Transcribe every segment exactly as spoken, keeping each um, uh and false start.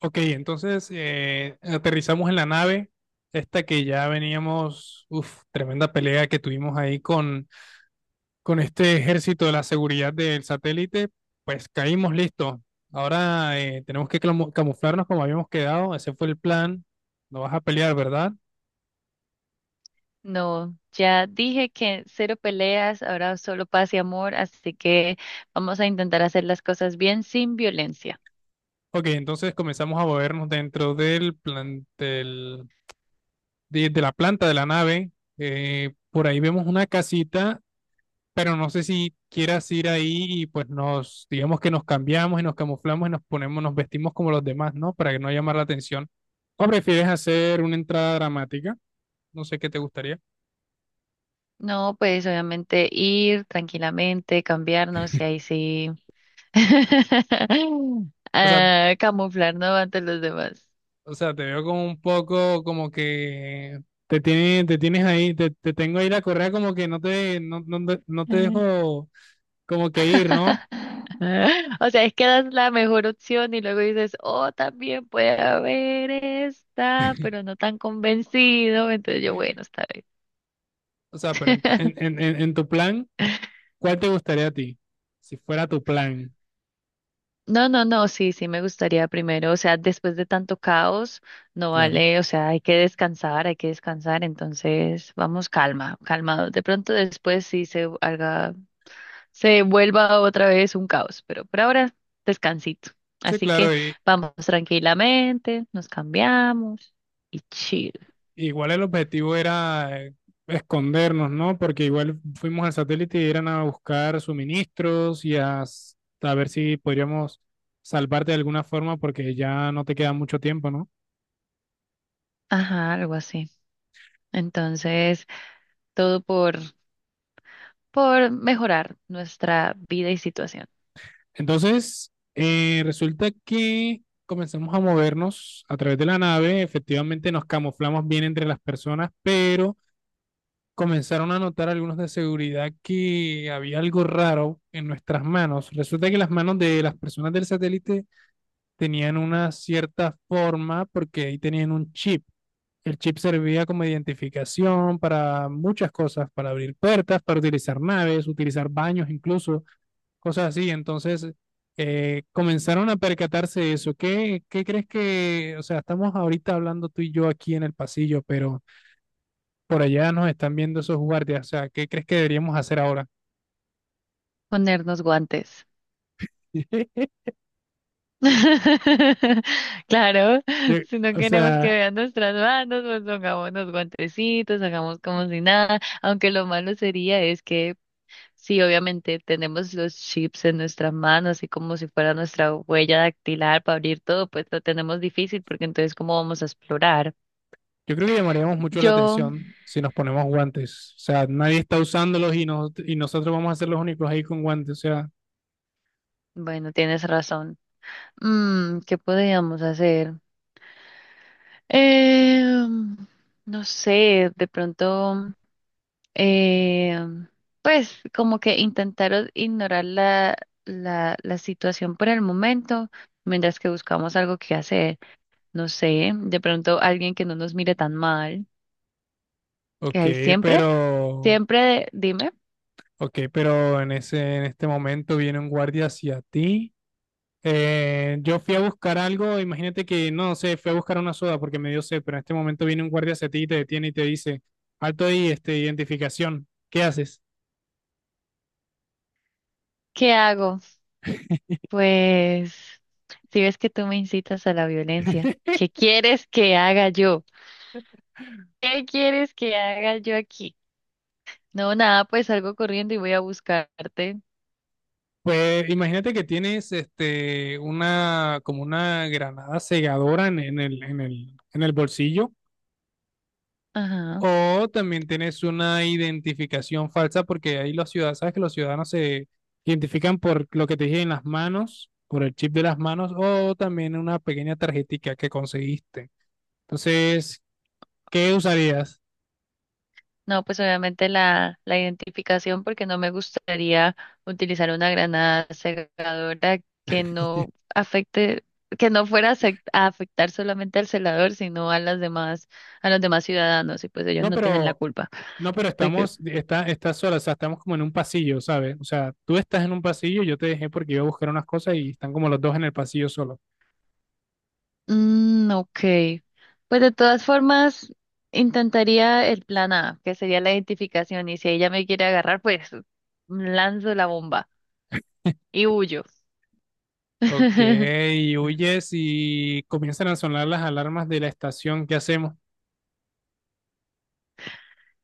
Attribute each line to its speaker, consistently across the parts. Speaker 1: Ok, entonces eh, aterrizamos en la nave, esta que ya veníamos, uff, tremenda pelea que tuvimos ahí con, con este ejército de la seguridad del satélite, pues caímos listos. Ahora eh, tenemos que clamu- camuflarnos como habíamos quedado, ese fue el plan, no vas a pelear, ¿verdad?
Speaker 2: No, ya dije que cero peleas, ahora solo paz y amor, así que vamos a intentar hacer las cosas bien sin violencia.
Speaker 1: Ok, entonces comenzamos a movernos dentro del plan, del- de, de la planta de la nave, eh, por ahí vemos una casita pero no sé si quieras ir ahí y pues nos, digamos que nos cambiamos y nos camuflamos y nos ponemos, nos vestimos como los demás, ¿no? Para que no llamar la atención. ¿O prefieres hacer una entrada dramática? No sé qué te gustaría.
Speaker 2: No, pues obviamente ir tranquilamente, cambiarnos y ahí sí
Speaker 1: O sea,
Speaker 2: ah, camuflarnos ante los demás.
Speaker 1: o sea, te veo como un poco como que te tiene, te tienes ahí, te, te tengo ahí la correa como que no te, no, no, te- no te dejo como que ir, ¿no?
Speaker 2: O sea, es que das la mejor opción y luego dices, oh, también puede haber esta, pero no tan convencido. Entonces yo, bueno, está bien.
Speaker 1: O sea, pero en, en, en, en en tu plan, ¿cuál te gustaría a ti? Si fuera tu plan,
Speaker 2: No, no, no, sí, sí me gustaría primero, o sea, después de tanto caos, no
Speaker 1: claro.
Speaker 2: vale, o sea, hay que descansar, hay que descansar, entonces vamos calma, calmados. De pronto después sí se haga, se vuelva otra vez un caos, pero por ahora descansito.
Speaker 1: Sí,
Speaker 2: Así que
Speaker 1: claro, y,
Speaker 2: vamos tranquilamente, nos cambiamos y chill.
Speaker 1: igual el objetivo era eh, escondernos, ¿no? Porque igual fuimos al satélite y eran a buscar suministros y a, s- a ver si podríamos salvarte de alguna forma porque ya no te queda mucho tiempo, ¿no?
Speaker 2: Ajá, algo así. Entonces, todo por, por mejorar nuestra vida y situación.
Speaker 1: Entonces, eh, resulta que comenzamos a movernos a través de la nave, efectivamente nos camuflamos bien entre las personas, pero comenzaron a notar algunos de seguridad que había algo raro en nuestras manos. Resulta que las manos de las personas del satélite tenían una cierta forma porque ahí tenían un chip. El chip servía como identificación para muchas cosas, para abrir puertas, para utilizar naves, utilizar baños incluso, cosas así. Entonces, eh, comenzaron a percatarse de eso. ¿Qué, qué crees que, o sea, estamos ahorita hablando tú y yo aquí en el pasillo, pero por allá nos están viendo esos guardias. O sea, ¿qué crees que deberíamos hacer ahora?
Speaker 2: Ponernos guantes. Claro, si no
Speaker 1: O
Speaker 2: queremos que
Speaker 1: sea,
Speaker 2: vean nuestras manos, pues pongamos los guantecitos, hagamos como si nada, aunque lo malo sería es que sí, obviamente tenemos los chips en nuestras manos, así como si fuera nuestra huella dactilar para abrir todo, pues lo tenemos difícil porque entonces ¿cómo vamos a explorar?
Speaker 1: yo creo que llamaríamos mucho la
Speaker 2: Yo,
Speaker 1: atención si nos ponemos guantes. O sea, nadie está usándolos y, nos- y nosotros vamos a ser los únicos ahí con guantes. O sea,
Speaker 2: bueno, tienes razón. Mm, ¿qué podríamos hacer? Eh, no sé, de pronto... eh, pues como que intentaron ignorar la, la, la situación por el momento, mientras que buscamos algo que hacer. No sé, de pronto alguien que no nos mire tan mal, que
Speaker 1: ok,
Speaker 2: hay siempre,
Speaker 1: pero,
Speaker 2: siempre de- dime,
Speaker 1: ok, pero en ese, en este momento viene un guardia hacia ti. Eh, yo fui a buscar algo, imagínate que, no sé, fui a buscar una soda porque me dio sed, pero en este momento viene un guardia hacia ti y te detiene y te dice, alto ahí, este, identificación, ¿qué haces?
Speaker 2: ¿qué hago? Pues si ves que tú me incitas a la violencia, ¿qué quieres que haga yo? ¿Qué quieres que haga yo aquí? No, nada, pues salgo corriendo y voy a buscarte.
Speaker 1: Pues imagínate que tienes este una como una granada segadora en, en el, en el, en el bolsillo
Speaker 2: Ajá.
Speaker 1: o también tienes una identificación falsa porque ahí los ciudadanos, sabes que los ciudadanos se identifican por lo que te dije en las manos, por el chip de las manos o también una pequeña tarjetica que conseguiste. Entonces, ¿qué usarías?
Speaker 2: No, pues obviamente la, la identificación, porque no me gustaría utilizar una granada cegadora que no afecte, que no fuera a sec- a afectar solamente al celador, sino a las demás, a los demás ciudadanos, y pues ellos
Speaker 1: No,
Speaker 2: no tienen la
Speaker 1: pero
Speaker 2: culpa.
Speaker 1: no, pero
Speaker 2: Porque,
Speaker 1: estamos, está, está sola, o sea, estamos como en un pasillo, ¿sabes? O sea, tú estás en un pasillo, yo te dejé porque iba a buscar unas cosas y están como los dos en el pasillo solo.
Speaker 2: mm, ok. Pues de todas formas, intentaría el plan A, que sería la identificación, y si ella me quiere agarrar, pues lanzo la bomba y huyo.
Speaker 1: Ok, huyes y comienzan a sonar las alarmas de la estación. ¿Qué hacemos?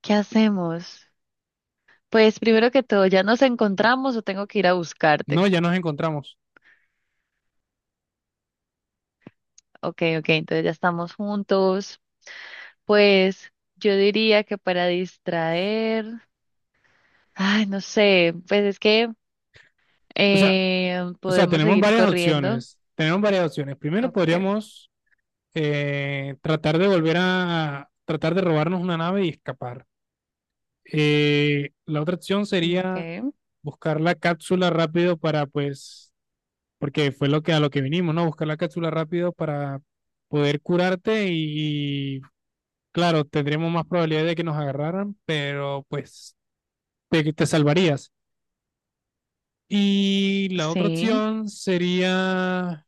Speaker 2: ¿Qué hacemos? Pues primero que todo, ¿ya nos encontramos o tengo que ir a buscarte?
Speaker 1: No, ya nos encontramos.
Speaker 2: Ok, ok, entonces ya estamos juntos. Pues yo diría que para distraer, ay, no sé, pues es que
Speaker 1: O sea,
Speaker 2: eh,
Speaker 1: o sea,
Speaker 2: podemos
Speaker 1: tenemos
Speaker 2: seguir
Speaker 1: varias
Speaker 2: corriendo.
Speaker 1: opciones. Tenemos varias opciones. Primero
Speaker 2: Ok,
Speaker 1: podríamos eh, tratar de volver a, tratar de robarnos una nave y escapar. Eh, la otra opción sería
Speaker 2: ok,
Speaker 1: buscar la cápsula rápido para pues porque fue lo que a lo que vinimos, ¿no? Buscar la cápsula rápido para poder curarte y, claro, tendremos más probabilidad de que nos agarraran, pero pues te, te salvarías. Y la otra
Speaker 2: sí.
Speaker 1: opción sería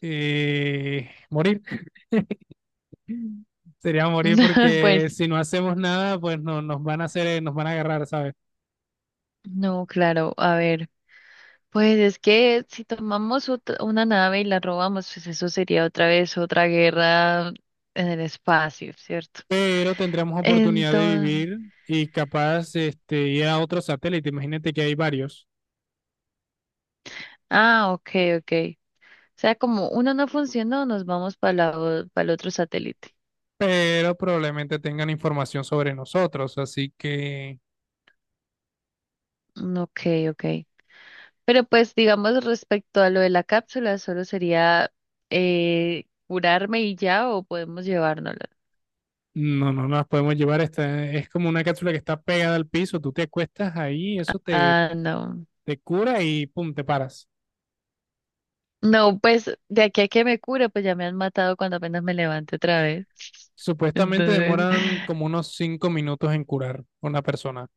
Speaker 1: eh, morir. Sería morir porque
Speaker 2: Pues
Speaker 1: si no hacemos nada, pues no, nos van a hacer, eh, nos van a agarrar, ¿sabes?
Speaker 2: no, claro, a ver. Pues es que si tomamos ot- una nave y la robamos, pues eso sería otra vez otra guerra en el espacio, ¿cierto?
Speaker 1: Pero tendremos oportunidad de
Speaker 2: Entonces...
Speaker 1: vivir y capaz este, ir a otro satélite. Imagínate que hay varios
Speaker 2: Ah, ok, ok. O sea, como uno no funcionó, nos vamos para el otro satélite.
Speaker 1: pero probablemente tengan información sobre nosotros, así que
Speaker 2: Mm, ok, ok. Pero pues, digamos, respecto a lo de la cápsula, solo sería eh, curarme y ya, o podemos llevárnosla.
Speaker 1: no, no nos podemos llevar. Esta, es como una cápsula que está pegada al piso, tú te acuestas ahí, eso te,
Speaker 2: Ah, no.
Speaker 1: te cura y pum, te paras.
Speaker 2: No, pues de aquí a que me cure, pues ya me han matado cuando apenas me levante otra vez.
Speaker 1: Supuestamente
Speaker 2: Entonces,
Speaker 1: demoran como unos cinco minutos en curar una persona.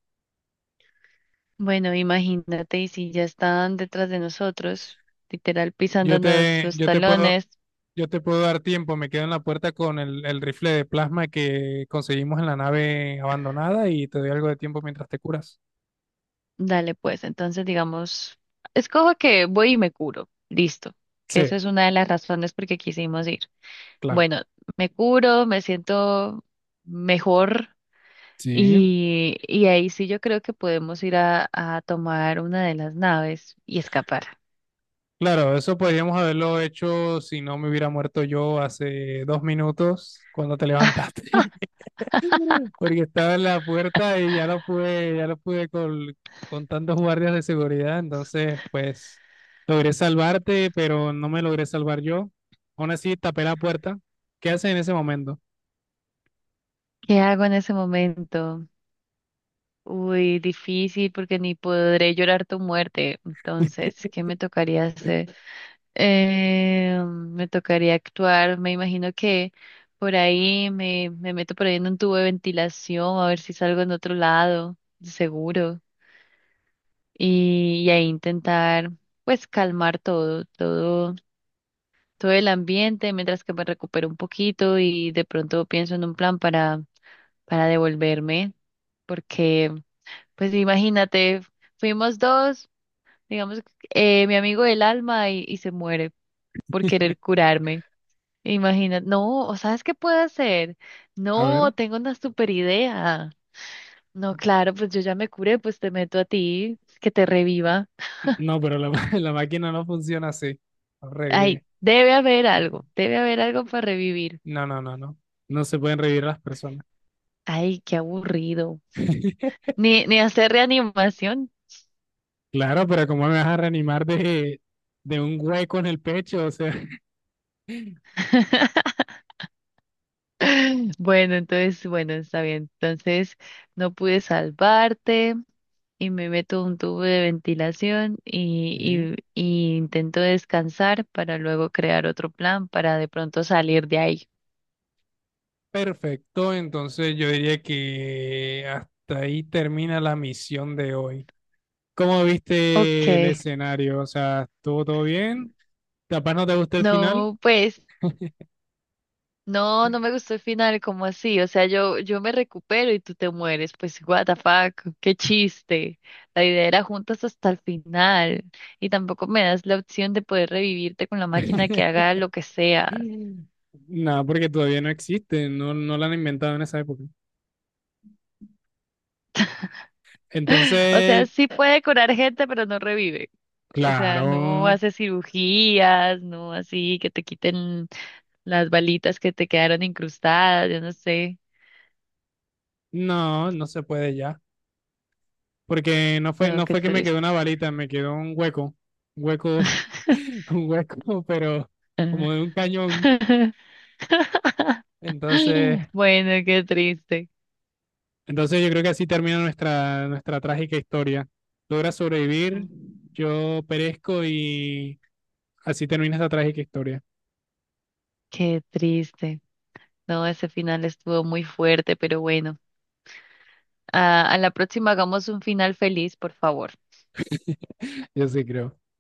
Speaker 2: bueno, imagínate, y si ya están detrás de nosotros, literal
Speaker 1: Yo
Speaker 2: pisándonos
Speaker 1: te,
Speaker 2: los
Speaker 1: yo te puedo,
Speaker 2: talones.
Speaker 1: yo te puedo dar tiempo, me quedo en la puerta con el, el rifle de plasma que conseguimos en la nave abandonada y te doy algo de tiempo mientras te curas.
Speaker 2: Dale, pues, entonces digamos, escojo que voy y me curo. Listo. Que
Speaker 1: Sí,
Speaker 2: esa es una de las razones por qué quisimos ir.
Speaker 1: claro.
Speaker 2: Bueno, me curo, me siento mejor
Speaker 1: Sí.
Speaker 2: y, y ahí sí yo creo que podemos ir a, a tomar una de las naves y escapar.
Speaker 1: Claro, eso podríamos haberlo hecho si no me hubiera muerto yo hace dos minutos cuando te levantaste, porque estaba en la puerta y ya lo pude, ya lo pude col- con, tantos guardias de seguridad, entonces pues logré salvarte, pero no me logré salvar yo. Aún así tapé la puerta. ¿Qué haces en ese momento?
Speaker 2: ¿Qué hago en ese momento? Uy, difícil porque ni podré llorar tu muerte. Entonces, ¿qué me tocaría hacer? Eh, me tocaría actuar, me imagino que por ahí me, me meto por ahí en un tubo de ventilación a ver si salgo en otro lado, seguro, y, y ahí intentar pues calmar todo, todo, todo el ambiente mientras que me recupero un poquito y de pronto pienso en un plan para, para devolverme, porque pues imagínate, fuimos dos, digamos, eh, mi amigo del alma y y se muere por querer curarme. Imagina, no, o sabes qué puedo hacer.
Speaker 1: A
Speaker 2: No,
Speaker 1: ver.
Speaker 2: tengo una super idea. No, claro, pues yo ya me curé, pues te meto a ti, que te reviva.
Speaker 1: No, pero la, ma- la máquina no funciona así. No
Speaker 2: Ay,
Speaker 1: revive.
Speaker 2: debe haber algo, debe haber algo para revivir.
Speaker 1: No, no, no, no. No se pueden revivir las personas.
Speaker 2: Ay, qué aburrido. Ni, ni hacer reanimación.
Speaker 1: Claro, pero ¿cómo me vas a reanimar de, de un hueco en el pecho? O sea,
Speaker 2: Bueno, entonces, bueno, está bien. Entonces, no pude salvarte y me meto un tubo de ventilación y,
Speaker 1: Sí.
Speaker 2: y, y intento descansar para luego crear otro plan para de pronto salir de ahí.
Speaker 1: Perfecto. Entonces yo diría que hasta ahí termina la misión de hoy. ¿Cómo viste el
Speaker 2: Okay.
Speaker 1: escenario? O sea, ¿estuvo todo bien? ¿Capaz no te gustó el final?
Speaker 2: No, pues, no, no me gustó el final, como así? O sea, yo, yo me recupero y tú te mueres. Pues, what the fuck, qué chiste. La idea era juntas hasta el final. Y tampoco me das la opción de poder revivirte con la máquina que haga lo que sea.
Speaker 1: Nada, porque todavía no existe, no, no la han inventado en esa época.
Speaker 2: O sea,
Speaker 1: Entonces,
Speaker 2: sí puede curar gente, pero no revive. O sea, no
Speaker 1: claro,
Speaker 2: hace cirugías, no así que te quiten las balitas que te quedaron incrustadas, yo no sé.
Speaker 1: no, no se puede ya. Porque no fue,
Speaker 2: No,
Speaker 1: no
Speaker 2: qué
Speaker 1: fue que me
Speaker 2: triste.
Speaker 1: quedó una balita, me quedó un hueco, un hueco, un hueco, pero como de un cañón. Entonces,
Speaker 2: Bueno, qué triste.
Speaker 1: entonces yo creo que así termina nuestra, nuestra trágica historia. Logra sobrevivir, yo perezco y así termina esta trágica historia.
Speaker 2: Qué triste. No, ese final estuvo muy fuerte, pero bueno. A, a la próxima hagamos un final feliz, por favor.
Speaker 1: Yo sí creo.